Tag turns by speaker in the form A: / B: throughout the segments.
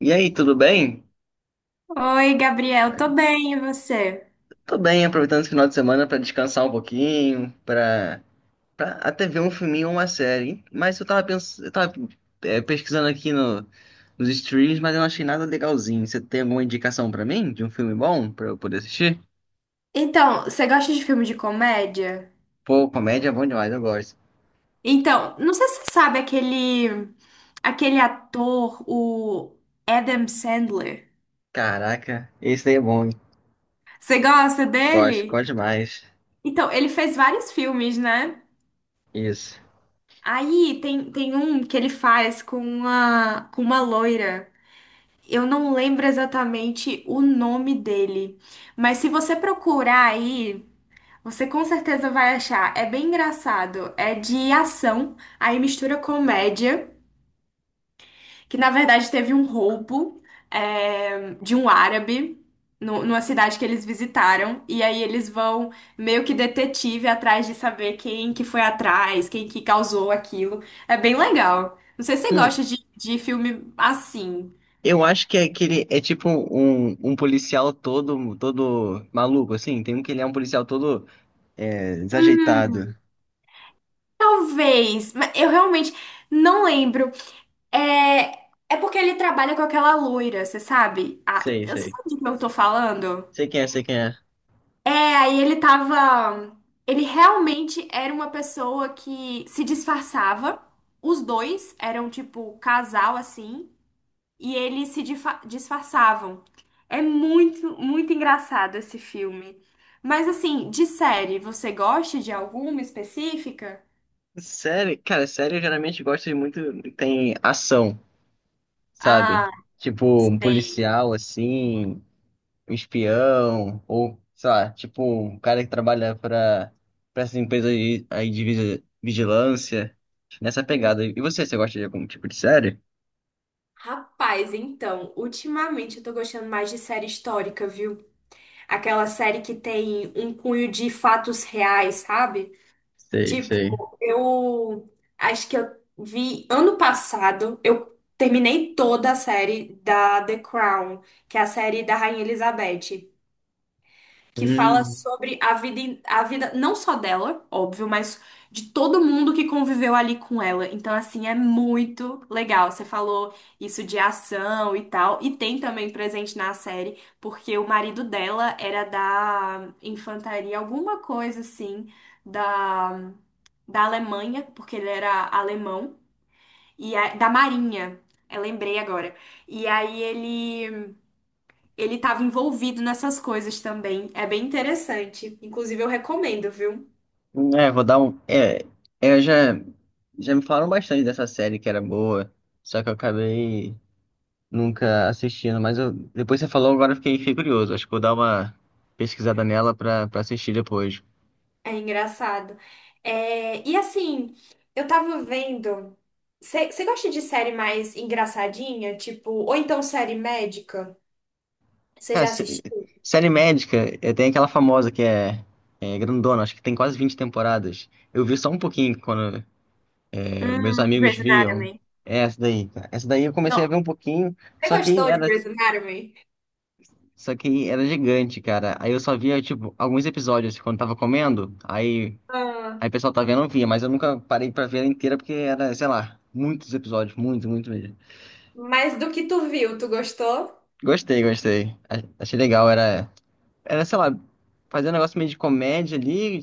A: E aí, tudo bem?
B: Oi, Gabriel, tô bem, e você?
A: Tô bem, aproveitando esse final de semana pra descansar um pouquinho, pra para até ver um filminho ou uma série. Mas eu tava pensando, pesquisando aqui no, nos streams, mas eu não achei nada legalzinho. Você tem alguma indicação pra mim de um filme bom pra eu poder assistir?
B: Então, você gosta de filme de comédia?
A: Pô, comédia é bom demais, eu gosto.
B: Então, não sei se você sabe aquele ator, o Adam Sandler.
A: Caraca, esse daí é bom, hein?
B: Você gosta
A: Gosto,
B: dele?
A: gosto demais.
B: Então, ele fez vários filmes, né?
A: Isso.
B: Aí tem um que ele faz com uma loira. Eu não lembro exatamente o nome dele, mas se você procurar aí você com certeza vai achar. É bem engraçado. É de ação, aí mistura comédia, que na verdade teve um roubo, é, de um árabe numa cidade que eles visitaram. E aí eles vão meio que detetive atrás de saber quem que foi atrás, quem que causou aquilo. É bem legal. Não sei se você
A: Hum,
B: gosta de filme assim.
A: eu acho que é aquele é tipo um policial todo maluco assim. Tem um que ele é um policial todo. É, desajeitado.
B: Hum, talvez, mas eu realmente não lembro. É porque ele trabalha com aquela loira, você sabe? Ah,
A: Sei,
B: você
A: sei.
B: sabe do que eu tô falando?
A: Sei quem é, sei quem é.
B: É, aí ele tava. Ele realmente era uma pessoa que se disfarçava. Os dois eram tipo casal assim. E eles se difa- disfarçavam. É muito, muito engraçado esse filme. Mas assim, de série, você gosta de alguma específica?
A: Série, cara, série eu geralmente gosto de muito. Tem ação, sabe?
B: Ah,
A: Tipo, um
B: sei.
A: policial assim, um espião, ou, sei lá, tipo, um cara que trabalha pra essa empresa aí de vigilância. Nessa pegada. E você gosta de algum tipo de série?
B: Rapaz, então, ultimamente eu tô gostando mais de série histórica, viu? Aquela série que tem um cunho de fatos reais, sabe?
A: Sei,
B: Tipo,
A: sei.
B: eu acho que eu vi ano passado, eu terminei toda a série da The Crown, que é a série da Rainha Elizabeth que fala
A: Hum,
B: sobre a vida não só dela, óbvio, mas de todo mundo que conviveu ali com ela. Então, assim, é muito legal. Você falou isso de ação e tal, e tem também presente na série, porque o marido dela era da infantaria, alguma coisa assim, da, da Alemanha, porque ele era alemão, e da Marinha. Eu lembrei agora. E aí ele estava envolvido nessas coisas também. É bem interessante. Inclusive, eu recomendo, viu?
A: é, vou dar um. Eu já, já me falaram bastante dessa série que era boa, só que eu acabei nunca assistindo, mas eu, depois que você falou, agora eu fiquei curioso. Acho que vou dar uma pesquisada nela pra assistir depois.
B: É engraçado. É, e assim, eu tava vendo. Você gosta de série mais engraçadinha? Tipo, ou então série médica? Você
A: Cara,
B: já assistiu?
A: série médica, tem aquela famosa que é grandona, acho que tem quase 20 temporadas. Eu vi só um pouquinho quando meus amigos
B: Grey's
A: viam.
B: Anatomy.
A: É essa daí, cara. Essa daí eu
B: Não.
A: comecei a ver um pouquinho,
B: Você
A: só que
B: gostou de
A: era,
B: Grey's Anatomy?
A: só que era gigante, cara. Aí eu só via, tipo, alguns episódios quando tava comendo. Aí
B: Ah,
A: Aí o pessoal tá vendo, eu via, mas eu nunca parei pra ver ela inteira porque era, sei lá, muitos episódios, muito, muito mesmo.
B: mas do que tu viu, tu gostou?
A: Gostei, gostei. Achei legal, sei lá, fazer um negócio meio de comédia ali,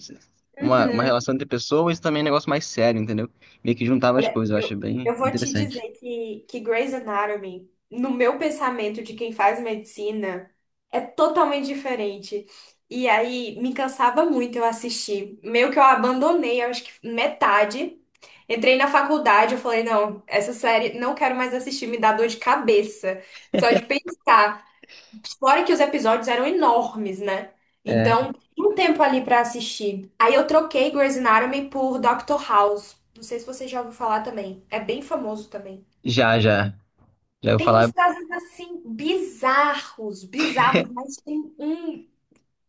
A: uma
B: Uhum.
A: relação entre pessoas e também um negócio mais sério, entendeu? Meio que juntava as
B: Olha,
A: coisas, eu achei bem
B: eu vou te
A: interessante.
B: dizer que Grey's Anatomy, no meu pensamento de quem faz medicina, é totalmente diferente. E aí me cansava muito eu assistir. Meio que eu abandonei, eu acho que metade. Entrei na faculdade, eu falei, não, essa série não quero mais assistir, me dá dor de cabeça. Só de pensar. Fora que os episódios eram enormes, né?
A: É,
B: Então, tinha um tempo ali pra assistir. Aí eu troquei Grey's Anatomy por Doctor House. Não sei se você já ouviu falar também. É bem famoso também.
A: já, já, já eu
B: Tem uns
A: falar.
B: casos assim bizarros, bizarros, mas tem um,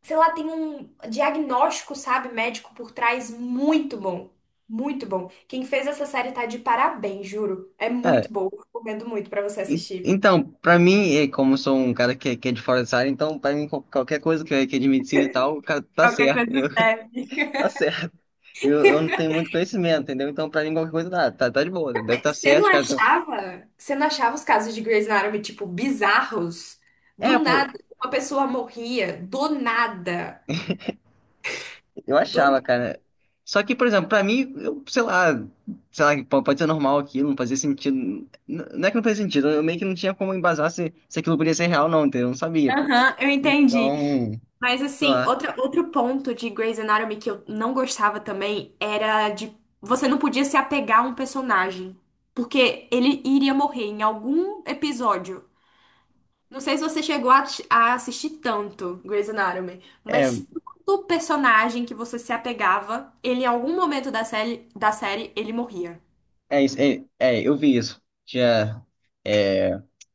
B: sei lá, tem um diagnóstico, sabe, médico por trás muito bom. Muito bom. Quem fez essa série tá de parabéns, juro. É
A: É,
B: muito boa. Recomendo muito pra você assistir.
A: então, pra mim, e como eu sou um cara que é de fora dessa área, então pra mim qualquer coisa que é de medicina e tal, cara, tá
B: Qualquer
A: certo, entendeu?
B: coisa serve.
A: Tá certo. Eu não tenho muito conhecimento, entendeu? Então, pra mim, qualquer coisa dá. Tá, tá de boa, deve estar
B: Você
A: certo,
B: não
A: os caras tão.
B: achava? Você não achava os casos de Grey's Anatomy, tipo, bizarros?
A: É,
B: Do
A: pô,
B: nada, uma pessoa morria, do nada.
A: eu
B: Do...
A: achava, cara. Só que, por exemplo, pra mim, eu, sei lá, pô, pode ser normal aquilo, não fazia sentido. Não é que não fazia sentido, eu meio que não tinha como embasar se aquilo podia ser real, não, entendeu? Eu não sabia, pô.
B: Aham, eu entendi.
A: Então,
B: Mas
A: sei
B: assim,
A: lá.
B: outro ponto de Grey's Anatomy que eu não gostava também era de você não podia se apegar a um personagem, porque ele iria morrer em algum episódio. Não sei se você chegou a assistir tanto Grey's Anatomy,
A: É,
B: mas todo personagem que você se apegava, ele em algum momento da série, ele morria.
A: eu vi isso. Tinha. É,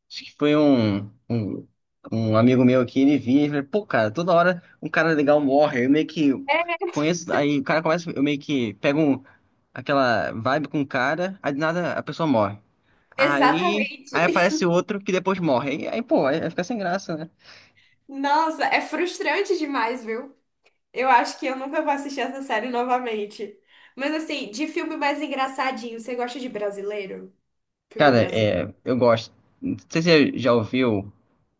A: acho que foi um, um amigo meu aqui, ele vinha e falou, pô, cara, toda hora um cara legal morre. Eu meio que conheço, aí o cara começa, eu meio que aquela vibe com o cara, aí de nada a pessoa morre. Aí,
B: Exatamente.
A: aí aparece outro que depois morre. Pô, aí fica sem graça, né?
B: Nossa, é frustrante demais, viu? Eu acho que eu nunca vou assistir essa série novamente. Mas assim, de filme mais engraçadinho, você gosta de brasileiro? Filme
A: Cara,
B: brasileiro?
A: é, eu gosto. Não sei se você já ouviu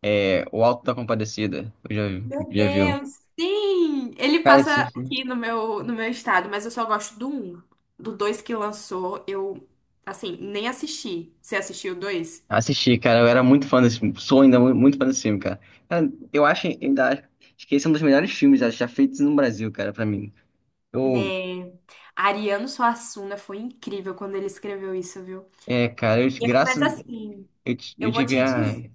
A: O Alto da Compadecida. Eu já,
B: Meu
A: já viu.
B: Deus, sim! Ele
A: Cara, esse.
B: passa aqui no meu, no meu estado, mas eu só gosto do um. Do dois que lançou, eu, assim, nem assisti. Você assistiu o dois?
A: Assisti, cara. Eu era muito fã desse filme. Sou ainda muito fã desse filme, cara. Cara, eu acho acho que esse é um dos melhores filmes já feitos no Brasil, cara, pra mim. Eu,
B: Né? Ariano Suassuna foi incrível quando ele escreveu isso, viu?
A: é, cara, eu,
B: Mas
A: graças.
B: assim,
A: Eu, eu
B: eu vou
A: tive
B: te
A: a.
B: dizer.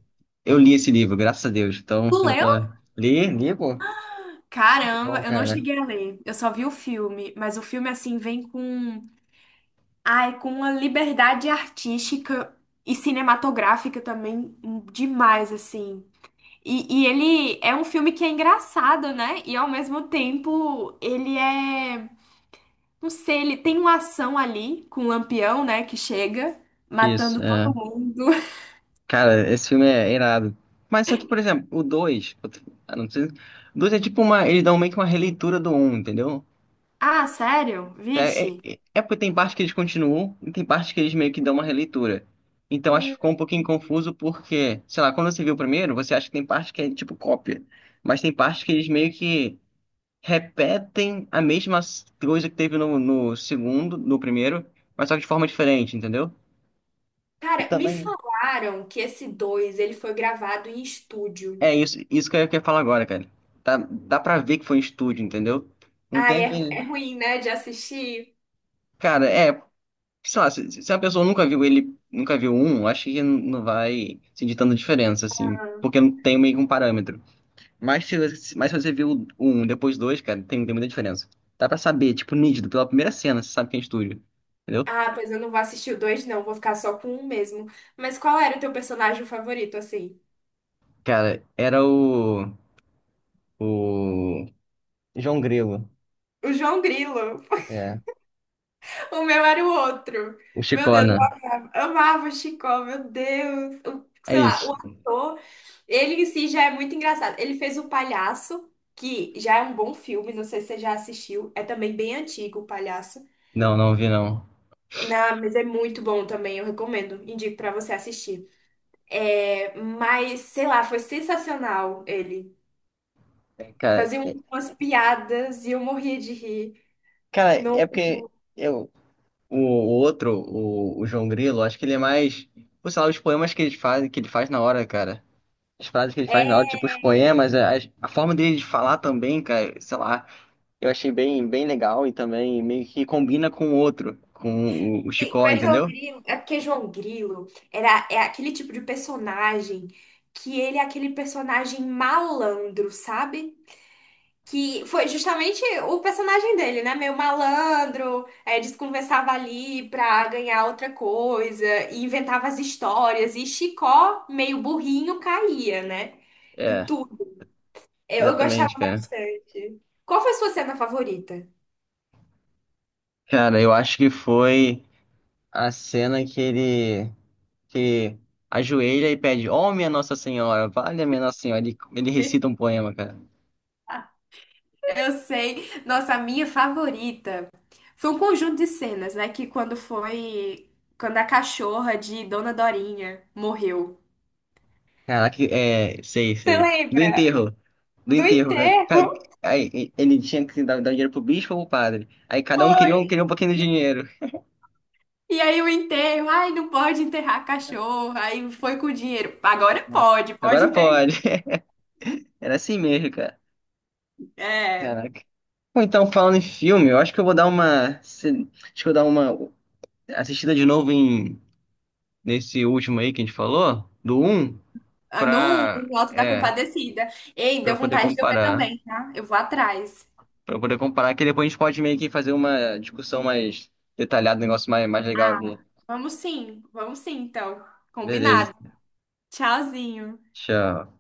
A: Eu li esse livro, graças a Deus.
B: Tu
A: Então, eu tô.
B: leu?
A: Li, li, pô, tá
B: Caramba,
A: bom,
B: eu não
A: cara.
B: cheguei a ler. Eu só vi o filme, mas o filme assim vem com, ai, com uma liberdade artística e cinematográfica também demais assim. E ele é um filme que é engraçado, né? E ao mesmo tempo, ele é. Não sei, ele tem uma ação ali com o Lampião, né? Que chega
A: Isso,
B: matando
A: é.
B: todo mundo.
A: Cara, esse filme é irado. Mas só que, por exemplo, o 2. Não sei. O 2 é tipo uma. Eles dão meio que uma releitura do um, entendeu?
B: Ah, sério? Vixe.
A: É porque tem parte que eles continuam e tem parte que eles meio que dão uma releitura. Então acho que
B: Hum,
A: ficou um pouquinho confuso porque, sei lá, quando você viu o primeiro, você acha que tem parte que é tipo cópia, mas tem parte que eles meio que repetem a mesma coisa que teve no segundo, no primeiro, mas só que de forma diferente, entendeu? E
B: cara, me
A: também
B: falaram que esse 2 ele foi gravado em estúdio.
A: é isso que eu queria falar agora, cara. Dá pra ver que foi um estúdio, entendeu? Não
B: Ah,
A: tem
B: é,
A: aquele.
B: é ruim, né? De assistir.
A: Cara, é, sei lá, se a pessoa nunca viu ele, nunca viu um, acho que não vai sentir tanta diferença, assim, porque não tem meio que um parâmetro. Mas se você viu um, depois dois, cara, tem muita diferença. Dá pra saber, tipo, nítido, pela primeira cena, você sabe quem é estúdio, entendeu?
B: Ah, pois eu não vou assistir o 2, não. Vou ficar só com um mesmo. Mas qual era o teu personagem favorito, assim?
A: Cara, era o João Grilo,
B: O João Grilo.
A: é,
B: O meu era o outro.
A: o
B: Meu Deus, eu
A: Chicona.
B: amava, amava o Chicó, meu Deus. O-
A: É
B: sei lá, o
A: isso.
B: ator, ele em si já é muito engraçado. Ele fez o Palhaço, que já é um bom filme, não sei se você já assistiu. É também bem antigo o Palhaço.
A: Não, não vi, não.
B: Não, mas é muito bom também, eu recomendo. Indico pra você assistir. É, mas, sei lá, foi sensacional ele.
A: É, cara,
B: Fazia
A: é,
B: umas piadas e eu morria de rir.
A: cara, é porque eu, o outro, o João Grilo, acho que ele é mais. Pô, sei lá, os poemas que ele faz na hora, cara. As frases que ele faz na hora, tipo, os poemas, a forma dele de falar também, cara, sei lá, eu achei bem legal e também meio que combina com o outro, o
B: Sim,
A: Chicó,
B: mas João
A: entendeu?
B: Grilo, é porque João Grilo era, é aquele tipo de personagem que ele é aquele personagem malandro, sabe? Que foi justamente o personagem dele, né? Meio malandro, é, desconversava ali pra ganhar outra coisa, e inventava as histórias, e Chicó, meio burrinho, caía, né? Em
A: É,
B: tudo. Eu gostava
A: exatamente, cara.
B: bastante. Qual foi a sua cena favorita?
A: Cara, eu acho que foi a cena que ele que ajoelha e pede, ó, minha Nossa Senhora, valha minha Nossa Senhora. Ele recita um poema, cara.
B: Eu sei. Nossa, a minha favorita foi um conjunto de cenas, né? Que quando foi. Quando a cachorra de Dona Dorinha morreu.
A: Caraca, é, sei,
B: Você
A: sei. Do
B: lembra
A: enterro. Do
B: do
A: enterro, né?
B: enterro?
A: Aí, ele tinha que dar dinheiro pro bispo ou pro padre. Aí cada um
B: Foi.
A: queria um pouquinho de dinheiro.
B: E aí o enterro, ai, não pode enterrar a cachorra, aí foi com o dinheiro. Agora
A: Né?
B: pode, pode
A: Agora
B: enterrar.
A: pode. Era assim mesmo, cara.
B: É,
A: Caraca. Bom, então, falando em filme, eu acho que eu vou dar uma. Acho que eu vou dar uma assistida de novo em nesse último aí que a gente falou, do um
B: ah, no
A: pra.
B: no Alto da
A: É,
B: Compadecida. Ei,
A: pra
B: deu
A: eu poder
B: vontade de eu ver
A: comparar.
B: também, tá? Eu vou atrás.
A: Pra eu poder comparar, que depois a gente pode meio que fazer uma discussão mais detalhada, um negócio mais, mais legal aqui.
B: Vamos sim, então.
A: Beleza.
B: Combinado. Tchauzinho.
A: Tchau.